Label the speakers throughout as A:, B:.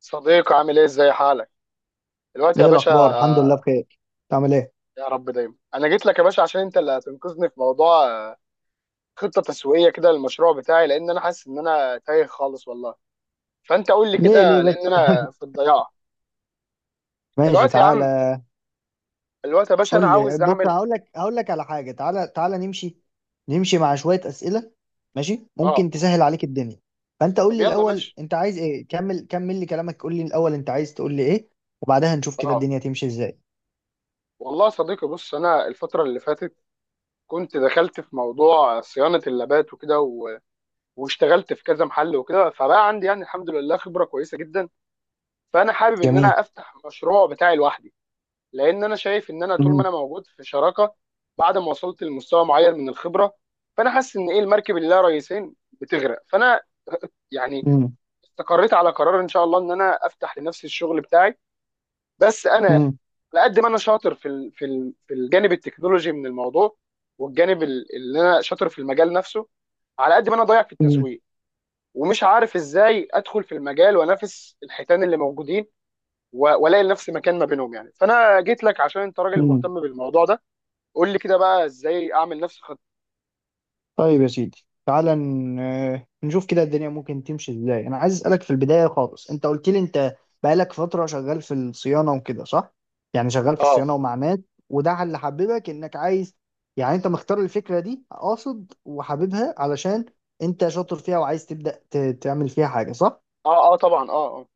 A: صديقي عامل ايه، ازاي حالك دلوقتي يا
B: ايه
A: باشا؟
B: الاخبار؟ الحمد لله بخير. تعمل ايه؟
A: يا رب دايما. انا جيت لك يا باشا عشان انت اللي هتنقذني في موضوع خطه تسويقيه كده للمشروع بتاعي، لان انا حاسس ان انا تايه خالص والله. فانت قول لي
B: ليه ليه
A: كده لان
B: بس؟
A: انا في الضياع
B: ماشي،
A: دلوقتي يا عم.
B: تعالى.
A: دلوقتي يا باشا انا
B: قول لي،
A: عاوز
B: بص،
A: اعمل.
B: هقول لك على حاجه. تعالى تعالى، نمشي مع شويه اسئله. ماشي،
A: اه،
B: ممكن تسهل عليك الدنيا. فانت قول
A: طب
B: لي
A: يلا
B: الاول،
A: ماشي.
B: انت عايز ايه؟ كمل لي كلامك، قول لي الاول انت عايز تقول لي ايه. وبعدها نشوف كده
A: اه
B: الدنيا تمشي ازاي.
A: والله يا صديقي، بص، انا الفتره اللي فاتت كنت دخلت في موضوع صيانه اللابات وكده و... واشتغلت في كذا محل وكده، فبقى عندي يعني الحمد لله خبره كويسه جدا. فانا حابب ان
B: جميل.
A: انا افتح مشروع بتاعي لوحدي، لان انا شايف ان انا طول ما
B: امم.
A: انا موجود في شراكه بعد ما وصلت لمستوى معين من الخبره، فانا حاسس ان ايه، المركب اللي لها رئيسين بتغرق، فانا يعني استقريت على قرار ان شاء الله ان انا افتح لنفسي الشغل بتاعي. بس انا
B: امم.
A: على قد ما انا شاطر في الجانب التكنولوجي من الموضوع والجانب اللي انا شاطر في المجال نفسه، على قد ما انا ضايع في التسويق ومش عارف ازاي ادخل في المجال وانافس الحيتان اللي موجودين والاقي لنفسي مكان ما بينهم يعني. فانا جيت لك عشان انت راجل
B: امم.
A: مهتم بالموضوع ده. قول لي كده بقى ازاي اعمل نفس الخط.
B: طيب يا سيدي، تعالى نشوف كده الدنيا ممكن تمشي ازاي. انا عايز اسالك في البدايه خالص، انت قلت لي انت بقالك فتره شغال في الصيانه وكده، صح؟ يعني شغال في
A: اه
B: الصيانه ومع ناس، وده اللي حببك انك عايز يعني، انت مختار الفكره دي اقصد وحاببها علشان انت شاطر فيها وعايز تبدا تعمل فيها حاجه، صح؟
A: اه طبعا اه.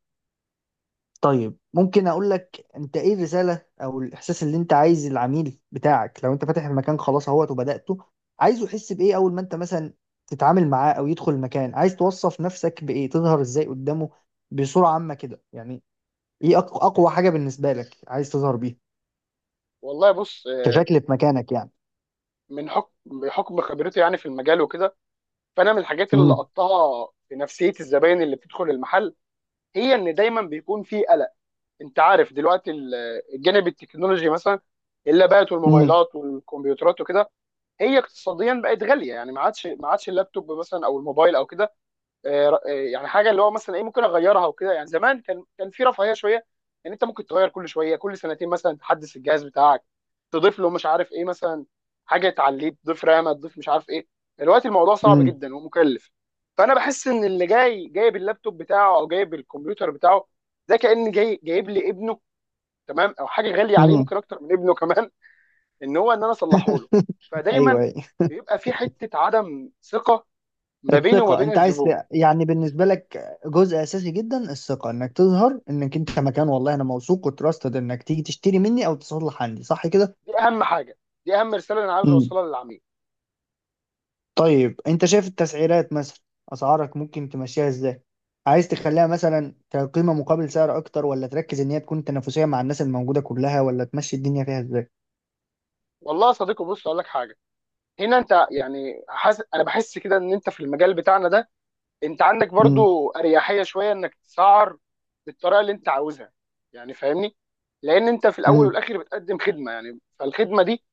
B: طيب ممكن اقول لك، انت ايه الرساله او الاحساس اللي انت عايز العميل بتاعك، لو انت فاتح المكان خلاص اهوت وبداته، عايزه يحس بايه اول ما انت مثلا تتعامل معاه او يدخل المكان؟ عايز توصف نفسك بايه؟ تظهر ازاي قدامه بصوره عامه كده يعني؟ ايه اقوى حاجه بالنسبه لك عايز تظهر بيها
A: والله بص،
B: كشكل في مكانك يعني؟
A: من حكم بحكم خبرتي يعني في المجال وكده، فانا من الحاجات اللي
B: امم.
A: لقطتها في نفسيه الزباين اللي بتدخل المحل هي ان دايما بيكون في قلق. انت عارف دلوقتي الجانب التكنولوجي مثلا، اللابات
B: امم.
A: والموبايلات والكمبيوترات وكده، هي اقتصاديا بقت غاليه. يعني ما عادش اللابتوب مثلا او الموبايل او كده يعني حاجه اللي هو مثلا ايه ممكن اغيرها وكده. يعني زمان كان في رفاهيه شويه، ان يعني انت ممكن تغير كل شويه كل سنتين مثلا تحدث الجهاز بتاعك، تضيف له مش عارف ايه مثلا، حاجه تعليه، تضيف رامه، تضيف مش عارف ايه. دلوقتي الموضوع صعب
B: امم.
A: جدا ومكلف. فانا بحس ان اللي جاي جايب اللابتوب بتاعه او جايب الكمبيوتر بتاعه، ده كان جاي جايب لي ابنه، تمام، او حاجه غاليه عليه ممكن اكتر من ابنه كمان، ان هو ان انا اصلحه له.
B: ايوه،
A: فدايما
B: أيوه.
A: بيبقى في حته عدم ثقه ما بيني وما
B: الثقة،
A: بين
B: انت عايز
A: الزبون.
B: يعني بالنسبة لك جزء اساسي جدا الثقة، انك تظهر انك انت مكان، والله انا موثوق وتراستد، انك تيجي تشتري مني او تصلح عندي، صح كده؟
A: دي اهم حاجه، دي اهم رساله انا عاوز
B: مم.
A: اوصلها للعميل.
B: طيب انت شايف التسعيرات مثلا، اسعارك ممكن تمشيها ازاي؟ عايز تخليها مثلا كقيمة مقابل سعر اكتر، ولا تركز ان هي تكون تنافسية مع الناس الموجودة كلها، ولا تمشي الدنيا فيها ازاي؟
A: والله يا صديقي بص اقول لك حاجه، هنا انت يعني حاسس، انا بحس كده ان انت في المجال بتاعنا ده انت عندك
B: مم.
A: برضو اريحيه شويه انك تسعر بالطريقه اللي انت عاوزها، يعني فاهمني، لان انت في الاول
B: مم.
A: والاخر بتقدم خدمه، يعني فالخدمه دي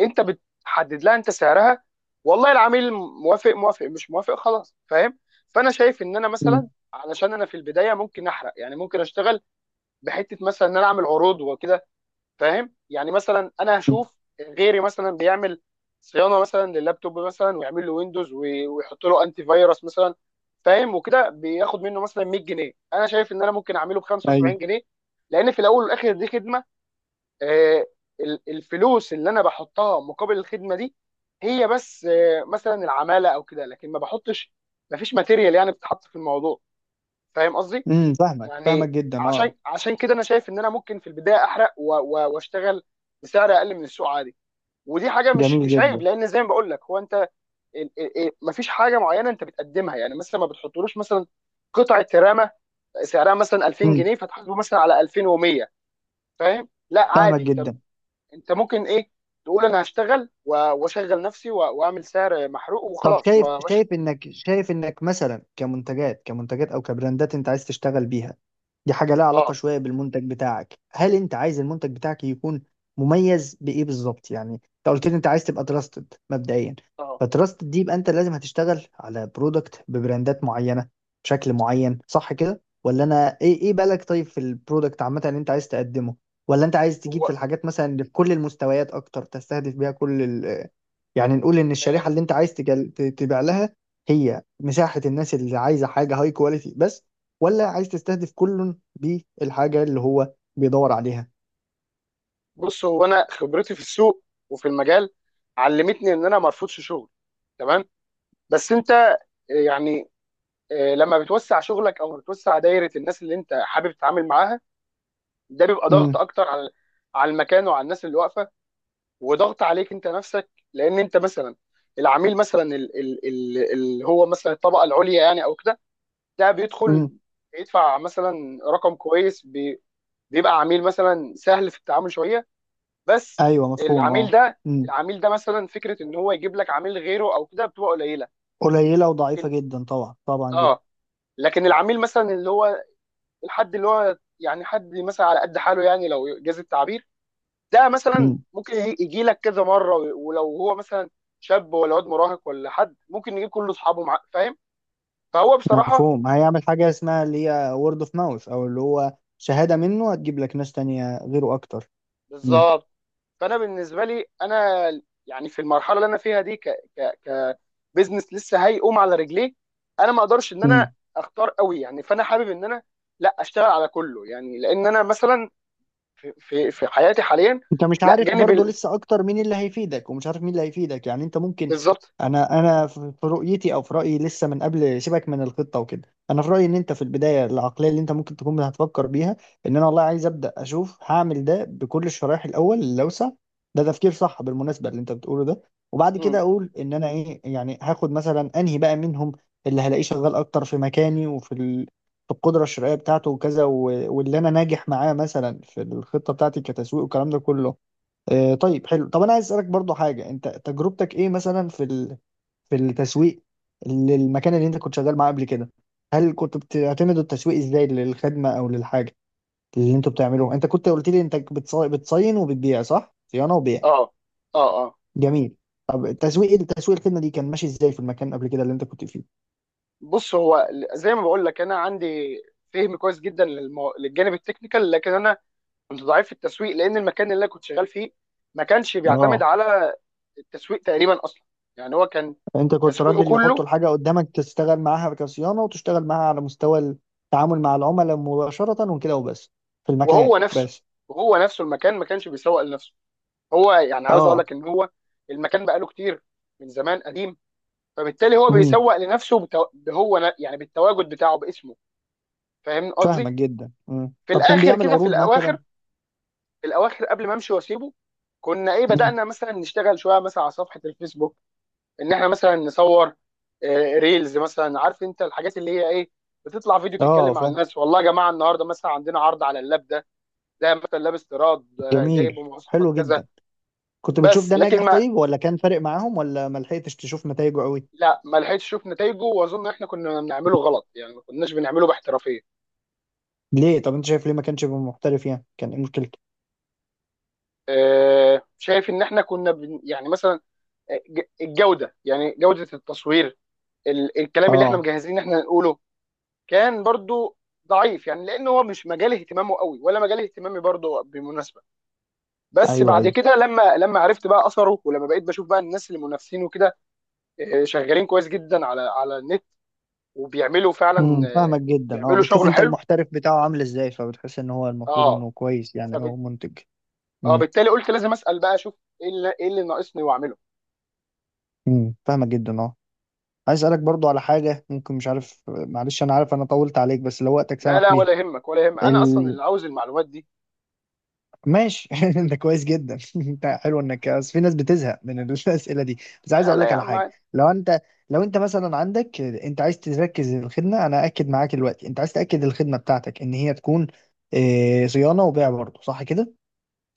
A: انت بتحدد لها انت سعرها، والله العميل موافق، موافق مش موافق خلاص، فاهم. فانا شايف ان انا
B: مم.
A: مثلا علشان انا في البدايه ممكن احرق، يعني ممكن اشتغل بحته مثلا ان انا اعمل عروض وكده. فاهم يعني مثلا انا
B: مم.
A: هشوف غيري مثلا بيعمل صيانه مثلا لللابتوب مثلا ويعمل له ويندوز ويحط له انتي فيروس مثلا، فاهم، وكده بياخد منه مثلا 100 جنيه، انا شايف ان انا ممكن اعمله ب
B: ايوه.
A: 75 جنيه. لان في الاول والاخر دي خدمه. آه، الفلوس اللي انا بحطها مقابل الخدمه دي هي بس مثلا العماله او كده، لكن ما بحطش، ما فيش ماتيريال يعني بتتحط في الموضوع، فاهم قصدي.
B: مم. فاهمك فاهمك
A: يعني
B: جدا، اه.
A: عشان كده انا شايف ان انا ممكن في البدايه احرق واشتغل بسعر اقل من السوق عادي، ودي حاجه مش
B: جميل
A: مش عيب،
B: جدا.
A: لان زي ما بقول لك هو انت مفيش حاجه معينه انت بتقدمها، يعني مثلا ما بتحطلوش مثلا قطعه رامه سعرها مثلا 2000
B: مم.
A: جنيه فتحاسبه مثلا على 2100، فاهم، لا
B: فاهمك
A: عادي انت،
B: جدا.
A: انت ممكن ايه، تقول انا هشتغل واشغل نفسي واعمل سعر محروق
B: طب
A: وخلاص
B: شايف
A: وماشي.
B: شايف انك شايف انك مثلا كمنتجات، كمنتجات او كبراندات انت عايز تشتغل بيها. دي حاجه لها علاقه
A: اه
B: شويه بالمنتج بتاعك. هل انت عايز المنتج بتاعك يكون مميز بايه بالظبط؟ يعني انت قلت لي انت عايز تبقى تراستد مبدئيا،
A: اه
B: فتراستد دي يبقى انت لازم هتشتغل على برودكت ببراندات معينه بشكل معين، صح كده؟ ولا انا ايه ايه بالك؟ طيب في البرودكت عامه اللي انت عايز تقدمه، ولا انت عايز تجيب في
A: هو
B: الحاجات مثلا اللي في كل المستويات اكتر تستهدف بيها كل، يعني نقول ان
A: آه،
B: الشريحه اللي انت عايز تبيع لها هي مساحه الناس اللي عايزه حاجه هاي كواليتي بس، ولا عايز تستهدف كل بالحاجه اللي هو بيدور عليها؟
A: بص هو انا خبرتي في السوق وفي المجال علمتني ان انا ما ارفضش شغل، تمام، بس انت يعني لما بتوسع شغلك او بتوسع دايره الناس اللي انت حابب تتعامل معاها، ده بيبقى ضغط
B: امم.
A: اكتر على المكان وعلى الناس اللي واقفه، وضغط عليك انت نفسك. لان انت مثلا العميل مثلا اللي هو مثلا الطبقه العليا يعني او كده، ده
B: امم.
A: بيدخل يدفع مثلا رقم كويس بيبقى عميل مثلا سهل في التعامل شويه. بس
B: ايوه، مفهوم،
A: العميل
B: اه.
A: ده
B: امم.
A: العميل ده مثلا فكره ان هو يجيب لك عميل غيره او كده بتبقى قليله.
B: قليله وضعيفه
A: لكن
B: جدا، طبعا، طبعا جدا.
A: اه، لكن العميل مثلا اللي هو الحد اللي هو يعني حد مثلا على قد حاله يعني لو جاز التعبير، ده مثلا
B: امم.
A: ممكن يجي لك كذا مره. ولو هو مثلا شاب ولا واد مراهق ولا حد، ممكن يجيب كل اصحابه معاه، فاهم. فهو بصراحه
B: مفهوم، هيعمل حاجه اسمها اللي هي وورد اوف ماوث، او اللي هو شهاده منه هتجيب لك ناس تانية غيره اكتر.
A: بالظبط. فانا بالنسبه لي انا يعني في المرحله اللي انا فيها دي ك ك كبزنس لسه هيقوم على رجليه انا ما اقدرش ان انا
B: امم.
A: اختار قوي يعني. فانا حابب ان انا لا اشتغل على كله يعني، لان انا مثلا في حياتي حاليا
B: انت مش
A: لا
B: عارف
A: جانب
B: برضه لسه اكتر مين اللي هيفيدك ومش عارف مين اللي هيفيدك، يعني انت ممكن،
A: بالظبط.
B: انا في رؤيتي او في رايي، لسه من قبل سيبك من الخطه وكده، انا في رايي ان انت في البدايه العقليه اللي انت ممكن تكون هتفكر بيها، ان انا والله عايز ابدا اشوف هعمل ده بكل الشرايح الاول اللي اوسع. ده تفكير صح بالمناسبه اللي انت بتقوله ده. وبعد
A: مم.
B: كده اقول ان انا ايه، يعني هاخد مثلا انهي بقى منهم اللي هلاقيه شغال اكتر في مكاني وفي في القدره الشرائيه بتاعته وكذا و... واللي انا ناجح معاه مثلا في الخطه بتاعتي كتسويق، والكلام ده كله. طيب، حلو. طب انا عايز اسالك برضو حاجه، انت تجربتك ايه مثلا في في التسويق للمكان اللي انت كنت شغال معاه قبل كده؟ هل كنت بتعتمد التسويق ازاي للخدمه او للحاجه اللي انتوا بتعملوه؟ انت كنت قلت لي انت بتصين وبتبيع، صح؟ صيانه وبيع.
A: اه اه.
B: جميل. طب التسويق، الخدمه دي كان ماشي ازاي في المكان قبل كده اللي انت كنت فيه؟
A: بص، هو زي ما بقول لك انا عندي فهم كويس جدا للجانب التكنيكال، لكن انا كنت ضعيف في التسويق لان المكان اللي انا كنت شغال فيه ما كانش بيعتمد
B: اه.
A: على التسويق تقريبا اصلا، يعني هو كان
B: انت كنت
A: تسويقه
B: راجل يحطوا
A: كله.
B: الحاجه قدامك تشتغل معاها كصيانه، وتشتغل معاها على مستوى التعامل مع العملاء مباشره وكده وبس. في المكان
A: وهو نفسه
B: بس.
A: وهو نفسه المكان ما كانش بيسوق لنفسه. هو يعني عاوز اقول
B: اه.
A: لك ان هو المكان بقاله كتير من زمان قديم، فبالتالي هو
B: مم.
A: بيسوق لنفسه يعني بالتواجد بتاعه باسمه، فاهمني
B: فاهمك
A: قصدي.
B: جدا. مم.
A: في
B: طب كان
A: الاخر
B: بيعمل
A: كده في
B: عروض مثلا؟
A: الاواخر، قبل ما امشي واسيبه كنا ايه
B: مم.
A: بدأنا مثلا نشتغل شويه مثلا على صفحه الفيسبوك ان احنا مثلا نصور ريلز مثلا، عارف انت الحاجات اللي هي ايه، بتطلع فيديو تتكلم
B: اه،
A: مع
B: فاهم.
A: الناس والله يا جماعه النهارده مثلا عندنا عرض على اللاب ده، ده مثلا لاب استيراد جايب
B: جميل،
A: مواصفات
B: حلو
A: كذا.
B: جدا. كنت بتشوف
A: بس
B: ده
A: لكن
B: ناجح
A: ما
B: طيب، ولا كان فارق معاهم، ولا ما لحقتش تشوف نتائجه قوي؟
A: لا ما لحقتش اشوف نتائجه، واظن احنا كنا بنعمله غلط يعني، ما كناش بنعمله باحترافيه.
B: ليه؟ طب انت شايف ليه ما كانش يبقى محترف يعني؟ كان ايه مشكلته؟
A: شايف ان احنا كنا بن يعني مثلا الجوده، يعني جوده التصوير، الكلام اللي احنا
B: اه.
A: مجهزين ان احنا نقوله كان برضو ضعيف يعني، لان هو مش مجال اهتمامه قوي ولا مجال اهتمامي برضو بالمناسبه. بس
B: ايوه،
A: بعد
B: ايوه.
A: كده لما عرفت بقى اثره، ولما بقيت بشوف بقى الناس اللي منافسين وكده شغالين كويس جدا على النت وبيعملوا
B: امم.
A: فعلا
B: فاهمك
A: آه،
B: جدا، اه.
A: بيعملوا
B: بتشوف
A: شغل
B: انت
A: حلو.
B: المحترف بتاعه عامل ازاي فبتحس ان هو المفروض
A: اه
B: انه كويس يعني،
A: فبت...
B: او منتج.
A: اه
B: امم.
A: بالتالي قلت لازم اسال بقى، اشوف ايه اللي ناقصني واعمله.
B: امم. فاهمك جدا، اه. عايز اسالك برضو على حاجه ممكن، مش عارف، معلش، انا عارف انا طولت عليك، بس لو وقتك
A: لا
B: سامح
A: لا
B: بيها.
A: ولا يهمك، انا اصلا اللي عاوز المعلومات دي.
B: ماشي. انت كويس جدا. انت حلو انك، بس في ناس بتزهق من الاسئله دي. بس عايز
A: لا
B: اقول
A: لا
B: لك
A: يا
B: على
A: عم
B: حاجه.
A: عادي.
B: لو انت لو انت مثلا عندك، انت عايز تركز الخدمه، انا اكد معاك دلوقتي انت عايز تاكد الخدمه بتاعتك ان هي تكون اه، صيانه وبيع برضه، صح كده؟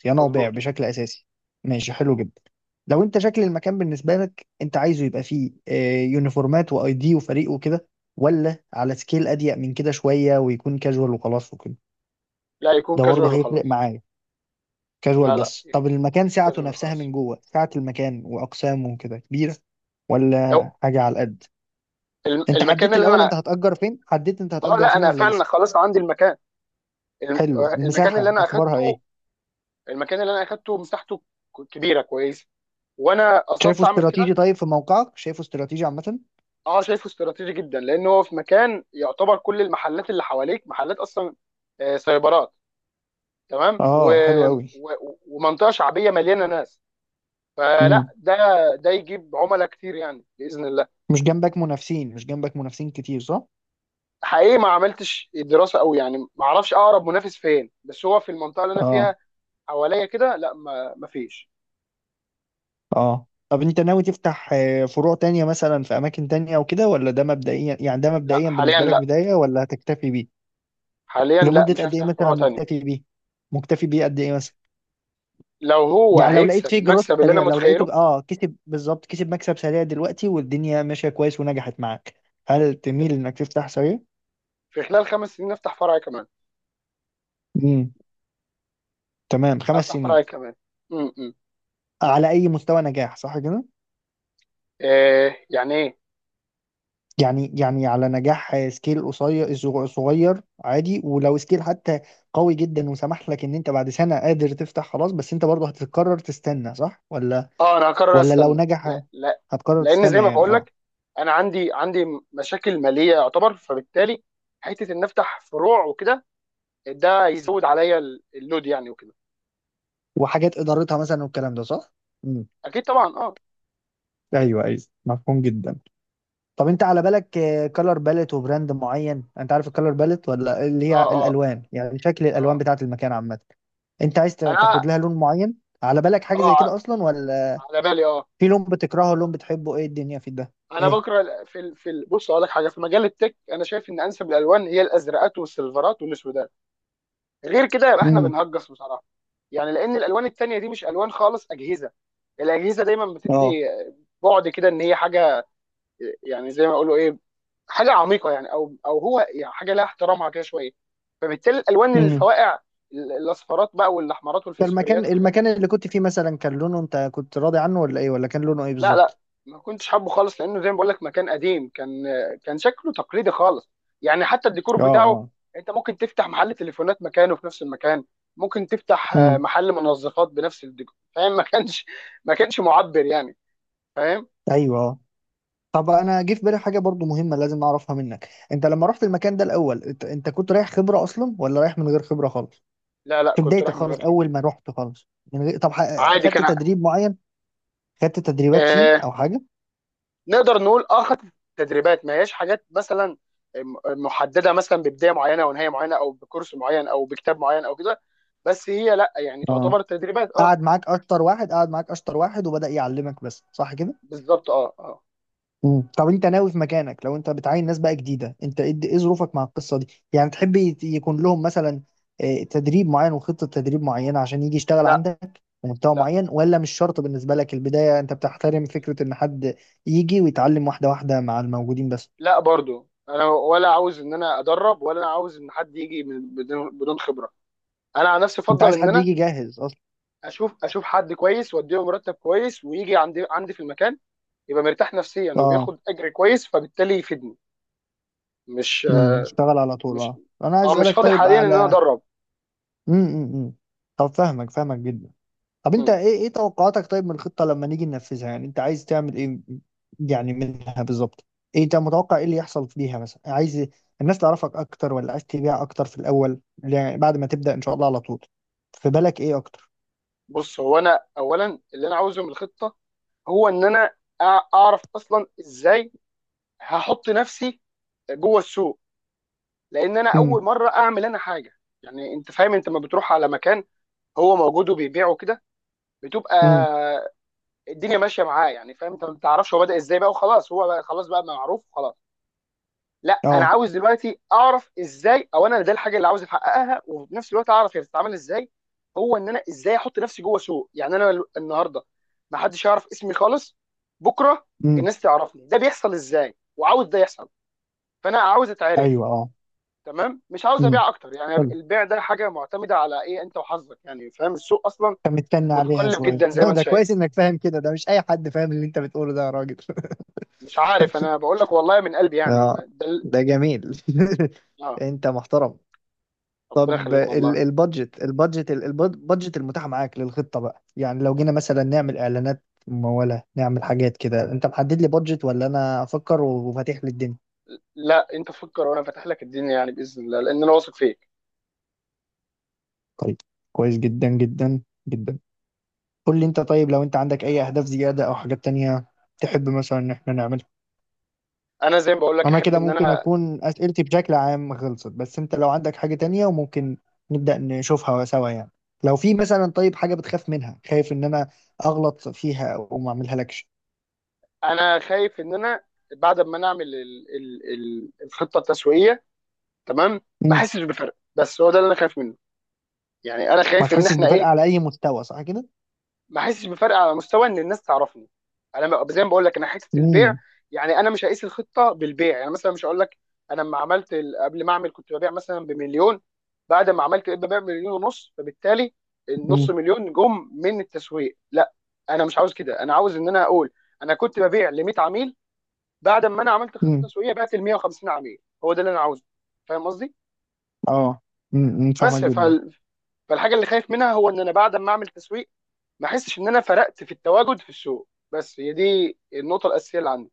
B: صيانه وبيع
A: مظبوط.
B: بشكل اساسي. ماشي، حلو جدا. لو انت شكل المكان بالنسبه لك انت عايزه يبقى فيه يونيفورمات واي دي وفريق وكده، ولا على سكيل اضيق من كده شويه ويكون كاجوال وخلاص وكده.
A: لا يكون
B: ده برضه
A: كاجوال
B: هيفرق
A: وخلاص.
B: معايا. كاجوال
A: لا لا
B: بس. طب المكان سعته
A: كاجوال
B: نفسها
A: وخلاص.
B: من جوه، سعة المكان وأقسامه وكده كبيرة
A: هو
B: ولا حاجة على القد؟ انت
A: المكان
B: حددت
A: اللي
B: الأول
A: انا،
B: انت هتأجر فين؟ حددت انت
A: اه
B: هتأجر
A: لا
B: فين
A: انا
B: ولا
A: فعلا
B: لسه؟
A: خلاص عندي المكان.
B: حلو.
A: المكان اللي
B: المساحة
A: انا
B: أخبارها
A: اخدته،
B: ايه؟
A: مساحته كبيره كويسه، وانا
B: شايفه
A: قصدت اعمل كده.
B: استراتيجي؟ طيب في موقعك شايفه استراتيجي عامة؟
A: اه شايفه استراتيجي جدا، لان هو في مكان يعتبر كل المحلات اللي حواليك محلات اصلا سايبرات، تمام،
B: اه، حلو قوي.
A: و... ومنطقه شعبيه مليانه ناس، فلا
B: امم.
A: ده، ده يجيب عملاء كتير يعني باذن الله.
B: مش جنبك منافسين كتير، صح؟
A: حقيقي ما عملتش دراسه قوي يعني، ما اعرفش اقرب منافس فين، بس هو في المنطقه اللي انا
B: اه،
A: فيها حواليا كده لا، ما فيش.
B: اه. طب انت ناوي تفتح فروع تانية مثلا في أماكن تانية وكده، ولا ده مبدئيا يعني، ده
A: لا
B: مبدئيا
A: حاليا
B: بالنسبة لك
A: لا،
B: بداية، ولا هتكتفي بيه؟ لمدة
A: مش
B: قد ايه
A: هفتح
B: مثلا
A: فروع تانية.
B: مكتفي بيه؟ مكتفي بيه قد ايه مثلا؟
A: لو هو
B: يعني لو لقيت
A: هيكسب
B: فيه جروث
A: المكسب اللي انا
B: سريع، لو
A: متخيله
B: لقيته، كسب بالظبط، كسب مكسب سريع دلوقتي والدنيا ماشية كويس ونجحت معاك، هل تميل انك تفتح سريع؟
A: في خلال 5 سنين افتح فرع كمان،
B: امم. تمام، خمس
A: افتح فرع
B: سنين
A: كمان امم.
B: على اي مستوى نجاح، صح كده؟
A: إيه يعني ايه؟
B: يعني على نجاح سكيل قصير، صغير، عادي، ولو سكيل حتى قوي جدا وسمح لك ان انت بعد سنة قادر تفتح خلاص، بس انت برضه هتقرر تستنى، صح؟ ولا
A: اه انا هقرر
B: ولا لو
A: استنى،
B: نجح
A: لا لا.
B: هتقرر
A: لان زي
B: تستنى
A: ما
B: يعني،
A: بقول
B: اه.
A: لك انا عندي مشاكل ماليه يعتبر، فبالتالي حته ان افتح فروع وكده ده يزود عليا اللود يعني وكده.
B: وحاجات ادارتها مثلا والكلام ده، صح؟ امم.
A: اكيد طبعا
B: ايوه، ايوه. مفهوم جدا. طب انت على بالك كلر باليت وبراند معين؟ انت عارف الكلر باليت، ولا اللي
A: اه
B: هي
A: اه
B: الالوان، يعني شكل الالوان
A: اه
B: بتاعه المكان عامه، انت عايز تاخد
A: انا
B: لها لون معين؟ على بالك حاجه زي كده
A: اه
B: اصلا ولا؟
A: على بالي اه.
B: في لون بتكرهه، لون بتحبه، ايه الدنيا في ده؟
A: انا
B: ايه.
A: بكره بص اقول لك حاجه، في مجال التك انا شايف ان انسب الالوان هي الازرقات والسيلفرات والاسود، غير كده يبقى احنا
B: امم.
A: بنهجص بصراحه، يعني لان الالوان التانيه دي مش الوان خالص اجهزه. الاجهزه دايما
B: اه.
A: بتدي بعد كده ان هي حاجه يعني زي ما اقولوا ايه، حاجه عميقه يعني، او هو يعني حاجه لها احترامها كده شويه. فبالتالي الالوان
B: امم.
A: الفواقع الاصفرات بقى والاحمرات
B: المكان
A: والفسفوريات والحاجات
B: المكان
A: دي.
B: اللي كنت فيه مثلا كان لونه انت كنت راضي عنه، ولا ايه، ولا كان لونه ايه
A: لا لا
B: بالظبط؟
A: ما كنتش حابه خالص، لانه زي ما بقول لك مكان قديم كان شكله تقليدي خالص، يعني حتى الديكور
B: اه،
A: بتاعه
B: اه.
A: انت ممكن تفتح محل تليفونات مكانه في نفس المكان، ممكن تفتح
B: امم.
A: محل منظفات بنفس الديكور، فاهم. ما كانش معبر يعني، فاهم.
B: ايوه. طب انا جه في بالي حاجه برضو مهمه لازم اعرفها منك. انت لما رحت المكان ده الاول، انت كنت رايح خبره اصلا، ولا رايح من غير خبره خالص؟
A: لا لا
B: في
A: كنت
B: بدايتك
A: رايح من غير
B: خالص، اول
A: خبره.
B: ما رحت خالص من غير. طب
A: عادي
B: خدت
A: كان
B: تدريب معين؟ خدت تدريبات فيه
A: آه
B: او حاجه؟
A: نقدر نقول اه خدت تدريبات، ما هياش حاجات مثلا محدده مثلا ببدايه معينه او نهايه معينه او بكورس معين او بكتاب معين او كده، بس هي لا يعني
B: اه.
A: تعتبر تدريبات اه.
B: قعد معاك اشطر واحد، وبدأ يعلمك بس، صح؟
A: بالظبط اه اه.
B: مم. طب انت ناوي في مكانك لو انت بتعين ناس بقى جديده، انت ايه ظروفك مع القصه دي، يعني تحب يكون لهم مثلا تدريب معين وخطه تدريب معينه عشان يجي يشتغل
A: لا
B: عندك بمستوى
A: لا،
B: معين، ولا مش شرط بالنسبه لك البدايه انت بتحترم فكره ان حد يجي ويتعلم واحده واحده مع الموجودين بس؟
A: لا برضو انا ولا عاوز ان انا ادرب، ولا انا عاوز ان حد يجي بدون خبره. انا عن نفسي
B: انت
A: افضل
B: عايز
A: ان
B: حد
A: انا
B: يجي جاهز اصلا.
A: اشوف حد كويس واديله مرتب كويس ويجي عندي في المكان، يبقى مرتاح نفسيا
B: اه.
A: وبياخد اجر كويس فبالتالي يفيدني. مش
B: مم، يشتغل على طول،
A: مش
B: اه. انا
A: اه
B: عايز
A: مش
B: اسالك
A: فاضي
B: طيب
A: حاليا ان انا
B: على،
A: ادرب.
B: امم. امم. طب فاهمك، فاهمك جدا. طب انت
A: مم.
B: ايه توقعاتك طيب من الخطة لما نيجي ننفذها؟ يعني انت عايز تعمل ايه يعني منها بالظبط؟ ايه انت متوقع، ايه اللي يحصل بيها مثلا؟ عايز الناس تعرفك اكتر، ولا عايز تبيع اكتر في الاول، يعني بعد ما تبدأ ان شاء الله على طول؟ في بالك ايه اكتر؟
A: بص هو انا اولا اللي انا عاوزه من الخطه هو ان انا اعرف اصلا ازاي هحط نفسي جوه السوق، لان انا اول
B: امم.
A: مره اعمل انا حاجه. يعني انت فاهم انت لما بتروح على مكان هو موجود وبيبيعه كده، بتبقى
B: امم.
A: الدنيا ماشيه معاه يعني، فاهم، انت ما تعرفش هو بدا ازاي بقى وخلاص، هو بقى خلاص بقى معروف وخلاص. لا انا
B: اه.
A: عاوز دلوقتي اعرف ازاي، او انا ده الحاجه اللي عاوز احققها، وفي نفس الوقت اعرف هي بتتعمل ازاي، هو ان انا ازاي احط نفسي جوه سوق، يعني انا النهارده ما حدش يعرف اسمي خالص، بكره
B: امم.
A: الناس تعرفني، ده بيحصل ازاي وعاوز ده يحصل، فانا عاوز اتعرف.
B: ايوه. اه.
A: تمام، مش عاوز
B: امم.
A: ابيع اكتر يعني
B: حلو.
A: البيع ده حاجه معتمده على ايه انت وحظك يعني فاهم، السوق اصلا
B: انت مستني عليها
A: متقلب
B: شوية.
A: جدا زي ما
B: لا،
A: انت
B: ده كويس
A: شايف،
B: انك فاهم كده، ده مش اي حد فاهم اللي انت بتقوله ده يا راجل.
A: مش عارف. انا بقول لك والله من قلبي يعني
B: اه.
A: ده
B: ده جميل.
A: اه.
B: انت محترم.
A: ربنا
B: طب
A: يخليك والله.
B: البادجت المتاح معاك للخطة بقى، يعني لو جينا مثلا نعمل اعلانات ممولة نعمل حاجات كده، انت محدد لي بادجت ولا انا افكر وفاتح لي الدنيا؟
A: لا انت فكر وانا فاتح لك الدنيا يعني باذن الله، لان انا واثق فيك.
B: طيب. كويس جدا جدا جدا. قول لي انت طيب لو انت عندك اي اهداف زيادة او حاجات تانية تحب مثلا ان احنا نعملها.
A: انا زي ما بقول لك
B: انا
A: احب
B: كده
A: ان
B: ممكن
A: انا،
B: اكون اسئلتي بشكل عام خلصت، بس انت لو عندك حاجة تانية وممكن نبدأ نشوفها سوا يعني. لو في مثلا طيب حاجة بتخاف منها، خايف ان انا اغلط فيها او ما اعملها لكش؟
A: انا خايف ان انا بعد ما نعمل الخطه التسويقيه تمام ما احسش بفرق، بس هو ده اللي انا خايف منه. يعني انا
B: ما
A: خايف ان
B: تحسش
A: احنا
B: بفرق
A: ايه،
B: على اي مستوى، صح كده؟
A: ما احسش بفرق على مستوى ان الناس تعرفني. زي ما بقول لك انا حته البيع،
B: امم.
A: يعني انا مش هقيس الخطه بالبيع. يعني مثلا مش هقول لك انا لما عملت قبل ما اعمل كنت ببيع مثلا بمليون، بعد ما عملت بقيت ببيع بمليون ونص، فبالتالي النص
B: امم.
A: مليون جم من التسويق، لا. انا مش عاوز كده، انا عاوز ان انا اقول انا كنت ببيع ل 100 عميل، بعد ما انا عملت خطه
B: امم.
A: تسويقيه بعت ل 150 عميل، هو ده اللي انا عاوزه، فاهم قصدي.
B: اه. امم. فاهمك
A: بس
B: جدا.
A: فال... فالحاجه اللي خايف منها هو ان انا بعد ما اعمل تسويق ما احسش ان انا فرقت في التواجد في السوق، بس هي دي النقطه الاساسيه اللي عندي.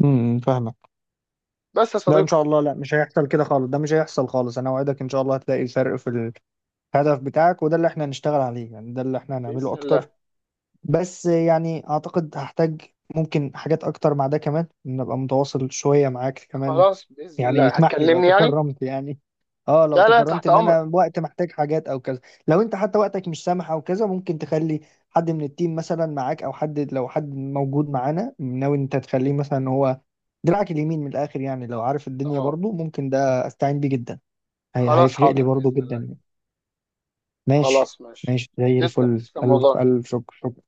B: امم. فاهمك.
A: بس يا
B: لا، ان
A: صديقي
B: شاء الله، لا، مش هيحصل كده خالص، ده مش هيحصل خالص. انا اوعدك ان شاء الله هتلاقي الفرق في الهدف بتاعك، وده اللي احنا هنشتغل عليه، يعني ده اللي احنا هنعمله
A: باذن الله.
B: اكتر. بس يعني اعتقد هحتاج ممكن حاجات اكتر مع ده كمان، ان ابقى متواصل شوية معاك كمان.
A: خلاص باذن
B: يعني
A: الله
B: اسمح لي لو
A: هتكلمني يعني.
B: تكرمت يعني، اه لو
A: لا لا
B: تكرمت
A: تحت
B: ان
A: امرك.
B: انا وقت محتاج حاجات او كذا. لو انت حتى وقتك مش سامح او كذا، ممكن تخلي حد من التيم مثلا معاك، او حد لو حد موجود معانا ناوي إن انت تخليه مثلا إن هو دراعك اليمين من الاخر يعني، لو عارف الدنيا
A: اه
B: برضو ممكن ده استعين بيه جدا. هي
A: خلاص
B: هيفرق لي
A: حاضر
B: برضو
A: باذن
B: جدا
A: الله.
B: يعني.
A: خلاص
B: ماشي.
A: ماشي.
B: ماشي زي
A: تسلم
B: الفل.
A: تسلم
B: الف
A: والله.
B: الف شكر، شكر.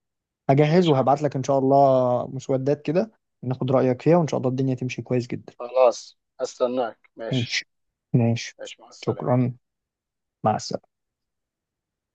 B: هجهز
A: ماشي يا
B: وهبعت
A: حبيبي.
B: لك ان شاء الله مسودات كده، ناخد رايك فيها وان شاء الله الدنيا تمشي كويس جدا.
A: خلاص هستناك ماشي.
B: ماشي. ماشي.
A: ماشي مع السلامه.
B: شكرا. مع السلامة.